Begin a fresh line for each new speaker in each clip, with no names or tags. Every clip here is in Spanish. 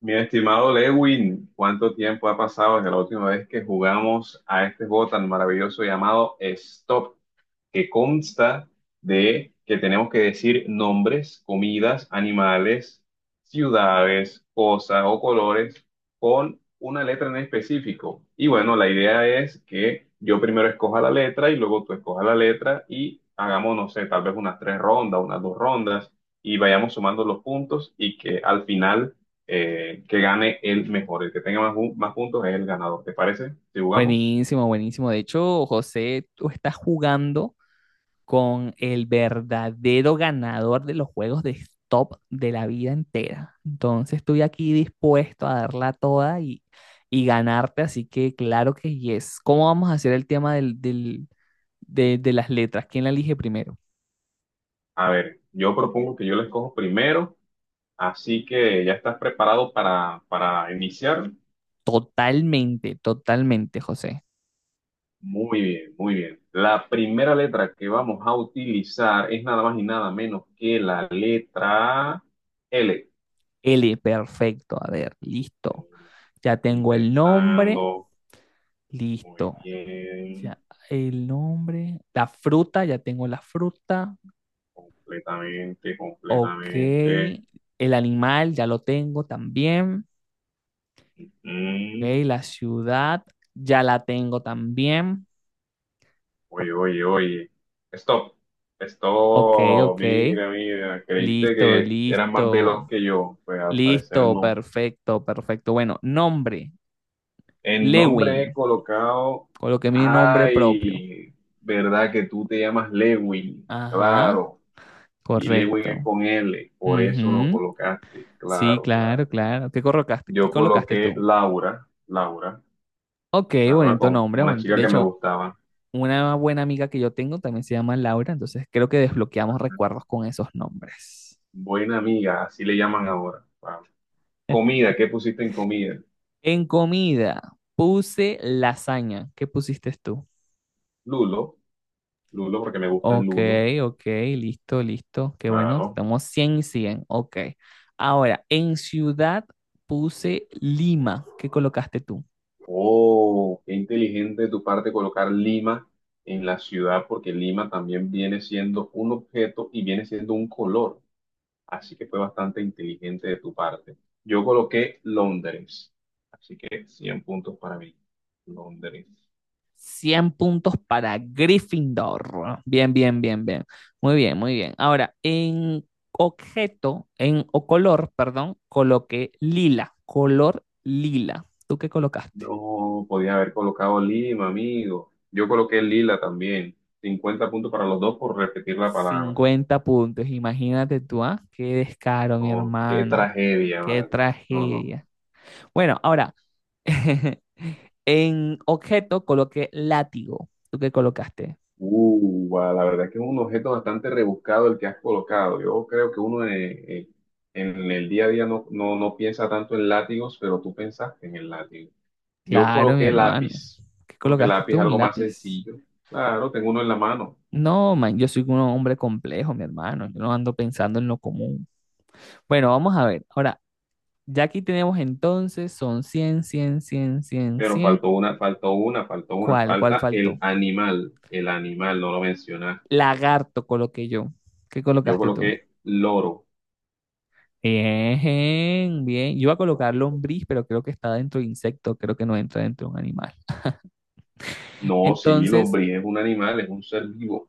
Mi estimado Lewin, ¿cuánto tiempo ha pasado desde la última vez que jugamos a este juego tan maravilloso llamado Stop? Que consta de que tenemos que decir nombres, comidas, animales, ciudades, cosas o colores con una letra en específico. Y bueno, la idea es que yo primero escoja la letra y luego tú escojas la letra y hagamos, no sé, tal vez unas tres rondas, unas dos rondas y vayamos sumando los puntos y que al final que gane el mejor, el que tenga más, más puntos es el ganador. ¿Te parece? Si jugamos,
Buenísimo, buenísimo. De hecho, José, tú estás jugando con el verdadero ganador de los juegos de stop de la vida entera. Entonces, estoy aquí dispuesto a darla toda y ganarte, así que claro que yes. ¿Cómo vamos a hacer el tema de las letras? ¿Quién la elige primero?
a ver, yo propongo que yo la escojo primero. Así que ya estás preparado para iniciar.
Totalmente, totalmente, José.
Muy bien, muy bien. La primera letra que vamos a utilizar es nada más y nada menos que la letra L.
L, perfecto. A ver, listo. Ya
Y
tengo el nombre,
pensando muy
listo.
bien,
Ya, el nombre, la fruta, ya tengo la fruta.
completamente,
Ok,
completamente.
el animal, ya lo tengo también. Ok,
Mm,
la ciudad, ya la tengo también.
oye, oye, oye. Stop,
Ok,
stop.
ok,
Mira, mira. Creíste
listo,
que eras más veloz
listo,
que yo. Pues al parecer
listo,
no.
perfecto, perfecto. Bueno, nombre,
El nombre he
Lewin,
colocado.
coloqué mi nombre propio.
Ay, verdad que tú te llamas Lewin,
Ajá,
claro. Y Lewin es
correcto.
con L, por eso lo
Ujú,
colocaste,
sí,
claro, claro.
claro, claro. ¿Qué colocaste? ¿Qué
Yo
colocaste
coloqué
tú?
Laura, Laura,
Ok,
Laura
bonito
con
nombre,
una
bonito.
chica
De
que me
hecho,
gustaba.
una buena amiga que yo tengo también se llama Laura, entonces creo que desbloqueamos recuerdos con esos nombres.
Buena amiga, así le llaman ahora. Claro. Comida, ¿qué pusiste en comida?
En comida, puse lasaña. ¿Qué pusiste tú?
Lulo, Lulo, porque me gusta el
Ok,
Lulo,
ok, listo, listo. Qué bueno,
claro.
estamos 100 y cien. Ok. Ahora, en ciudad puse Lima. ¿Qué colocaste tú?
Oh, qué inteligente de tu parte colocar Lima en la ciudad, porque Lima también viene siendo un objeto y viene siendo un color. Así que fue bastante inteligente de tu parte. Yo coloqué Londres, así que 100 puntos para mí. Londres.
100 puntos para Gryffindor. Bien, bien, bien, bien. Muy bien, muy bien. Ahora, en objeto, en o color, perdón, coloqué lila, color lila. ¿Tú qué colocaste?
No, podía haber colocado Lima, amigo. Yo coloqué Lila también. 50 puntos para los dos por repetir la palabra.
50 puntos. Imagínate tú, ¿ah? Qué descaro, mi
Oh, qué
hermano.
tragedia,
Qué
madre. No, no, no.
tragedia. Bueno, ahora, en objeto coloqué látigo. ¿Tú qué colocaste?
Guau, la verdad que es un objeto bastante rebuscado el que has colocado. Yo creo que uno en el día a día no, no, no piensa tanto en látigos, pero tú pensaste en el látigo. Yo
Claro, mi
coloqué
hermano.
lápiz,
¿Qué
porque
colocaste
lápiz es
tú? ¿Un
algo más
lápiz?
sencillo. Claro, tengo uno en la mano,
No, man, yo soy un hombre complejo, mi hermano. Yo no ando pensando en lo común. Bueno, vamos a ver. Ahora, ya aquí tenemos entonces, son 100, 100, 100, 100,
pero
100.
faltó una, faltó una, faltó una.
¿Cuál? ¿Cuál
Falta
faltó?
el animal, no lo mencionas.
Lagarto coloqué yo. ¿Qué
Yo
colocaste tú?
coloqué loro.
Bien, bien. Yo iba a
No,
colocar lombriz, pero creo que está dentro de insecto. Creo que no entra dentro de un animal.
no, sí,
Entonces,
lombriz es un animal, es un ser vivo.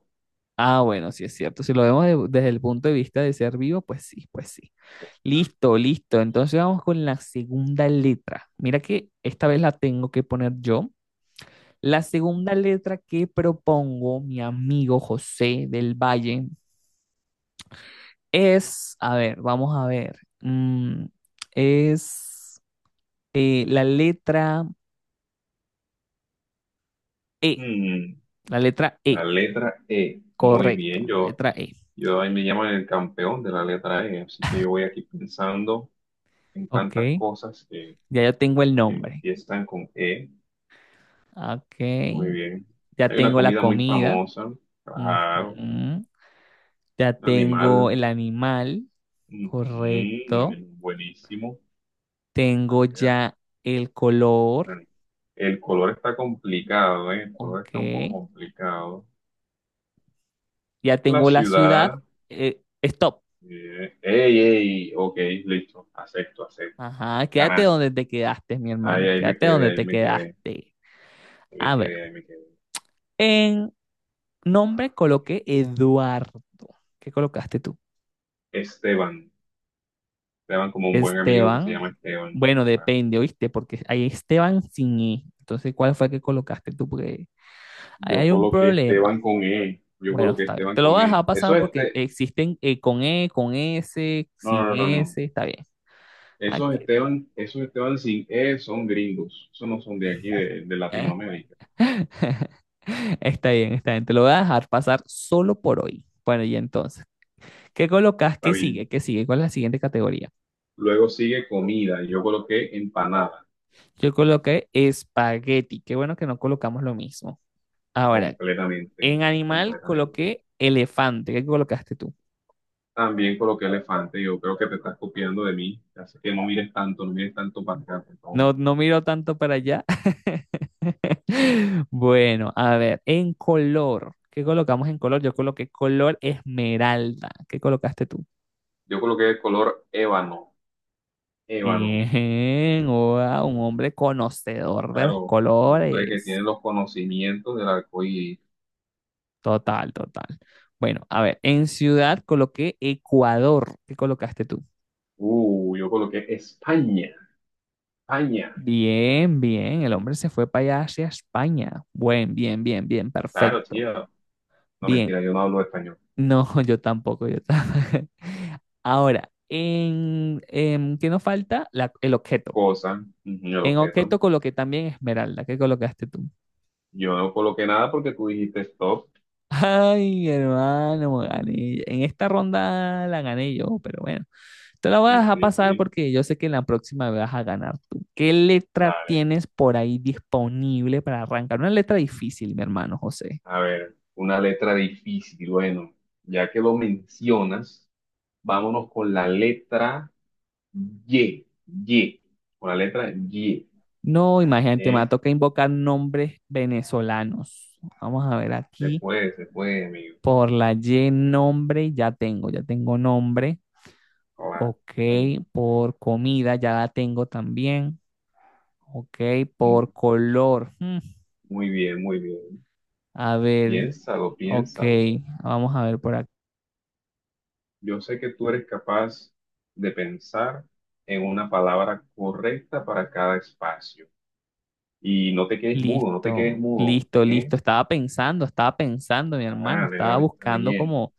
ah, bueno, sí es cierto. Si lo vemos desde el punto de vista de ser vivo, pues sí, pues sí. Listo, listo. Entonces vamos con la segunda letra. Mira que esta vez la tengo que poner yo. La segunda letra que propongo mi amigo José del Valle es, a ver, vamos a ver, es eh, la letra E,
Mm,
la letra E,
la letra E. Muy
correcto,
bien,
la
yo.
letra E.
Yo ahí me llaman el campeón de la letra E, así que yo voy aquí pensando en
Ok,
tantas cosas que,
ya yo tengo el
que
nombre.
empiezan con E.
Ok,
Muy bien.
ya
Hay una
tengo la
comida muy
comida.
famosa, claro,
Ujú. Ya
un animal,
tengo el animal,
ujú, un
correcto.
animal buenísimo. A
Tengo
ver,
ya el color,
bueno, el color está complicado, ¿eh? El color
ok.
está un poco complicado.
Ya
La
tengo la ciudad,
ciudad,
stop.
ey, ey, ok, listo, acepto, acepto.
Ajá, quédate
Ganaste.
donde te quedaste, mi
Ahí,
hermano.
ahí me
Quédate
quedé,
donde
ahí
te
me quedé, ahí
quedaste.
me
A ver,
quedé, ahí me quedé.
en nombre coloqué Eduardo. ¿Qué colocaste tú?
Esteban, Esteban como un buen amigo que se
Esteban.
llama Esteban.
Bueno,
Ah,
depende, ¿oíste? Porque hay Esteban sin E. Entonces, ¿cuál fue el que colocaste tú? Porque ahí
Yo
hay un
coloqué Esteban
problema.
con E, yo
Bueno,
coloqué
está bien.
Esteban
Te lo
con
voy a
E.
dejar
Eso
pasar
es
porque
este,
existen con E, con S,
no,
sin
no, no, no, no.
S, está bien. Ah, que-
Esos Esteban sin E son gringos, esos no son de aquí, de, Latinoamérica.
Está bien, está bien. Te lo voy a dejar pasar solo por hoy. Bueno, y entonces, ¿qué colocas?
Está
¿Qué
bien.
sigue? ¿Qué sigue? ¿Cuál es la siguiente categoría?
Luego sigue comida, yo coloqué empanada,
Yo coloqué espagueti. Qué bueno que no colocamos lo mismo. Ahora,
completamente,
en animal
completamente.
coloqué elefante. ¿Qué colocaste tú?
También coloqué elefante, yo creo que te estás copiando de mí, así que no mires tanto, no mires tanto para acá, por favor.
No, no miro tanto para allá. Bueno, a ver, en color. ¿Qué colocamos en color? Yo coloqué color esmeralda. ¿Qué colocaste tú?
Yo coloqué el color ébano, ébano.
Bien, wow, un hombre conocedor de los
Claro, un hombre que
colores.
tiene los conocimientos del arco iris.
Total, total. Bueno, a ver, en ciudad coloqué Ecuador. ¿Qué colocaste tú?
Yo coloqué España, España.
Bien, bien, el hombre se fue para allá hacia España. Buen, bien, bien, bien,
Claro,
perfecto.
tío. No,
Bien,
mentira, yo no hablo español.
no, yo tampoco, yo tampoco. Ahora, ¿qué nos falta? El objeto.
Cosa, ujú,
En
objeto.
objeto coloqué también esmeralda. ¿Qué colocaste tú?
Yo no coloqué nada porque tú dijiste stop.
Ay, hermano, gané. En esta ronda la gané yo, pero bueno, te la voy a
Sí,
dejar
sí,
pasar
sí.
porque yo sé que en la próxima vas a ganar tú. ¿Qué letra
Dale.
tienes por ahí disponible para arrancar? Una letra difícil, mi hermano José.
A ver, una letra difícil. Bueno, ya que lo mencionas, vámonos con la letra Y. Y. Con la letra Y.
No, imagínate, me
¿Eh?
toca invocar nombres venezolanos. Vamos a ver aquí.
Se puede, amigo.
Por la Y nombre, ya tengo nombre.
Hola.
Ok, por comida, ya la tengo también. Ok, por color. Hmm,
Muy bien, muy bien.
a ver,
Piénsalo,
ok,
piénsalo.
vamos a ver por aquí.
Yo sé que tú eres capaz de pensar en una palabra correcta para cada espacio. Y no te quedes mudo, no te
Listo,
quedes mudo,
listo,
¿eh?
listo. Estaba pensando, mi
ah
hermano,
Dale,
estaba
dale, está
buscando
bien.
como,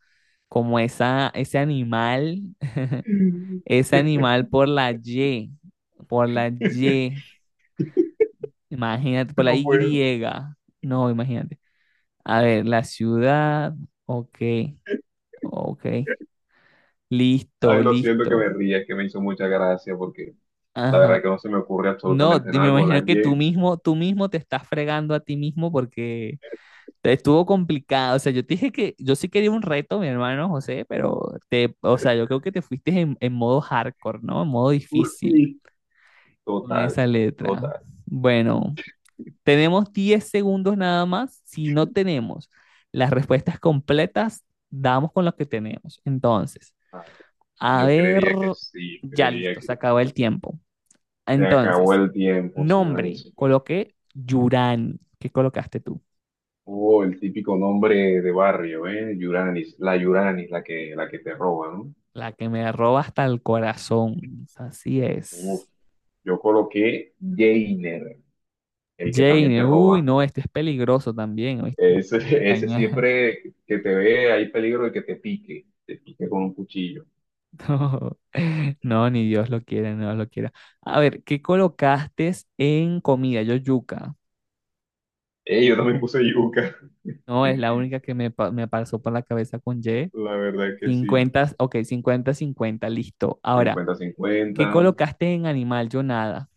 como esa, ese animal, ese animal por la Y, imagínate, por la
No puedo.
Y. No, imagínate. A ver, la ciudad. Ok, ok. Listo,
Ay, lo siento que
listo.
me ría, es que me hizo mucha gracia porque la verdad
Ajá.
que no se me ocurre
No,
absolutamente
me
nada con la
imagino que
Y.
tú mismo te estás fregando a ti mismo porque te estuvo complicado. O sea, yo te dije que yo sí quería un reto, mi hermano José, pero te, o sea, yo creo que te fuiste en modo hardcore, ¿no? En modo difícil
Uy,
con
total,
esa letra.
total.
Bueno, tenemos 10 segundos nada más. Si no tenemos las respuestas completas, damos con lo que tenemos. Entonces.
Ay,
A
Yo
ver,
creería que sí,
ya
creería
listo, se
que
acabó el tiempo.
se acabó
Entonces,
el tiempo, señora y
nombre,
señores.
coloqué Yurani. ¿Qué colocaste tú?
Oh, el típico nombre de barrio, ¿eh? Yuranis, la Yuranis, la que te roba, ¿no?
La que me roba hasta el corazón. Así
Uf,
es.
yo coloqué Jainer, el que también te
Jane, uy,
roba.
no, este es peligroso también. ¿Oíste? Me
Ese,
estás
ese
engañando.
siempre que te ve, hay peligro de que te pique con un cuchillo.
No, no, ni Dios lo quiera, no lo quiera. A ver, ¿qué colocaste en comida? Yo yuca.
Yo también puse yuca,
No, es la única que me, me pasó por la cabeza con Y.
la verdad que sí.
Cincuenta, ok, cincuenta, cincuenta, listo. Ahora.
cincuenta
¿Qué
cincuenta
colocaste en animal? Yo nada.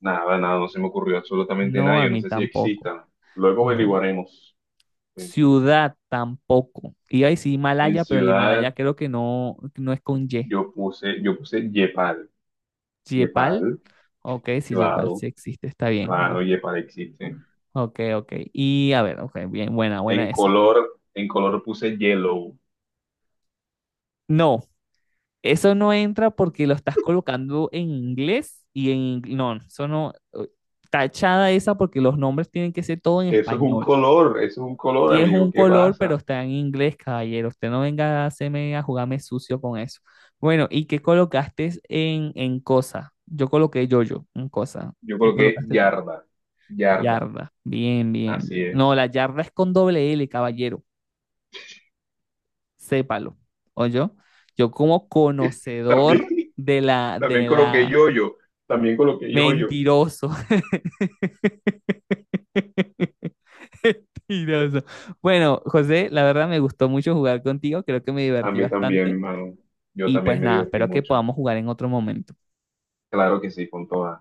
Nada, nada, no se me ocurrió absolutamente
No,
nada,
a
yo no
mí
sé si
tampoco.
existan. Luego
No.
averiguaremos. En,
Ciudad tampoco. Iba a decir
en
Himalaya, pero el
ciudad
Himalaya creo que no, no es con Y.
yo puse Yepal. Yepal.
Yepal. Ok, si Yepal
Claro,
sí existe, está bien,
claro,
listo.
yepa existe.
Ok, ok. Y a ver, ok, bien, buena,
En
buena esa.
color, en color puse yellow.
No, eso no entra porque lo estás colocando en inglés y en... ing- No, eso no... Tachada esa porque los nombres tienen que ser todo en
Eso es un
español.
color, eso es un color,
Sí es
amigo.
un
¿Qué
color, pero
pasa?
está en inglés, caballero. Usted no venga a hacerme a jugarme sucio con eso. Bueno, ¿y qué colocaste en cosa? Yo coloqué yo-yo en cosa.
Yo
¿Qué
coloqué
colocaste tú?
yarda, yarda,
Yarda. Bien, bien,
así
bien. No,
es.
la yarda es con doble L, caballero. Sépalo. yo Yo como conocedor
También, también
de
coloqué
la...
yoyo, también coloqué yoyo.
Mentiroso. Mentiroso. Bueno, José, la verdad me gustó mucho jugar contigo. Creo que me
A
divertí
mí también,
bastante.
mano. Yo
Y
también
pues
me
nada,
divertí
espero que
mucho.
podamos jugar en otro momento.
Claro que sí, con todas.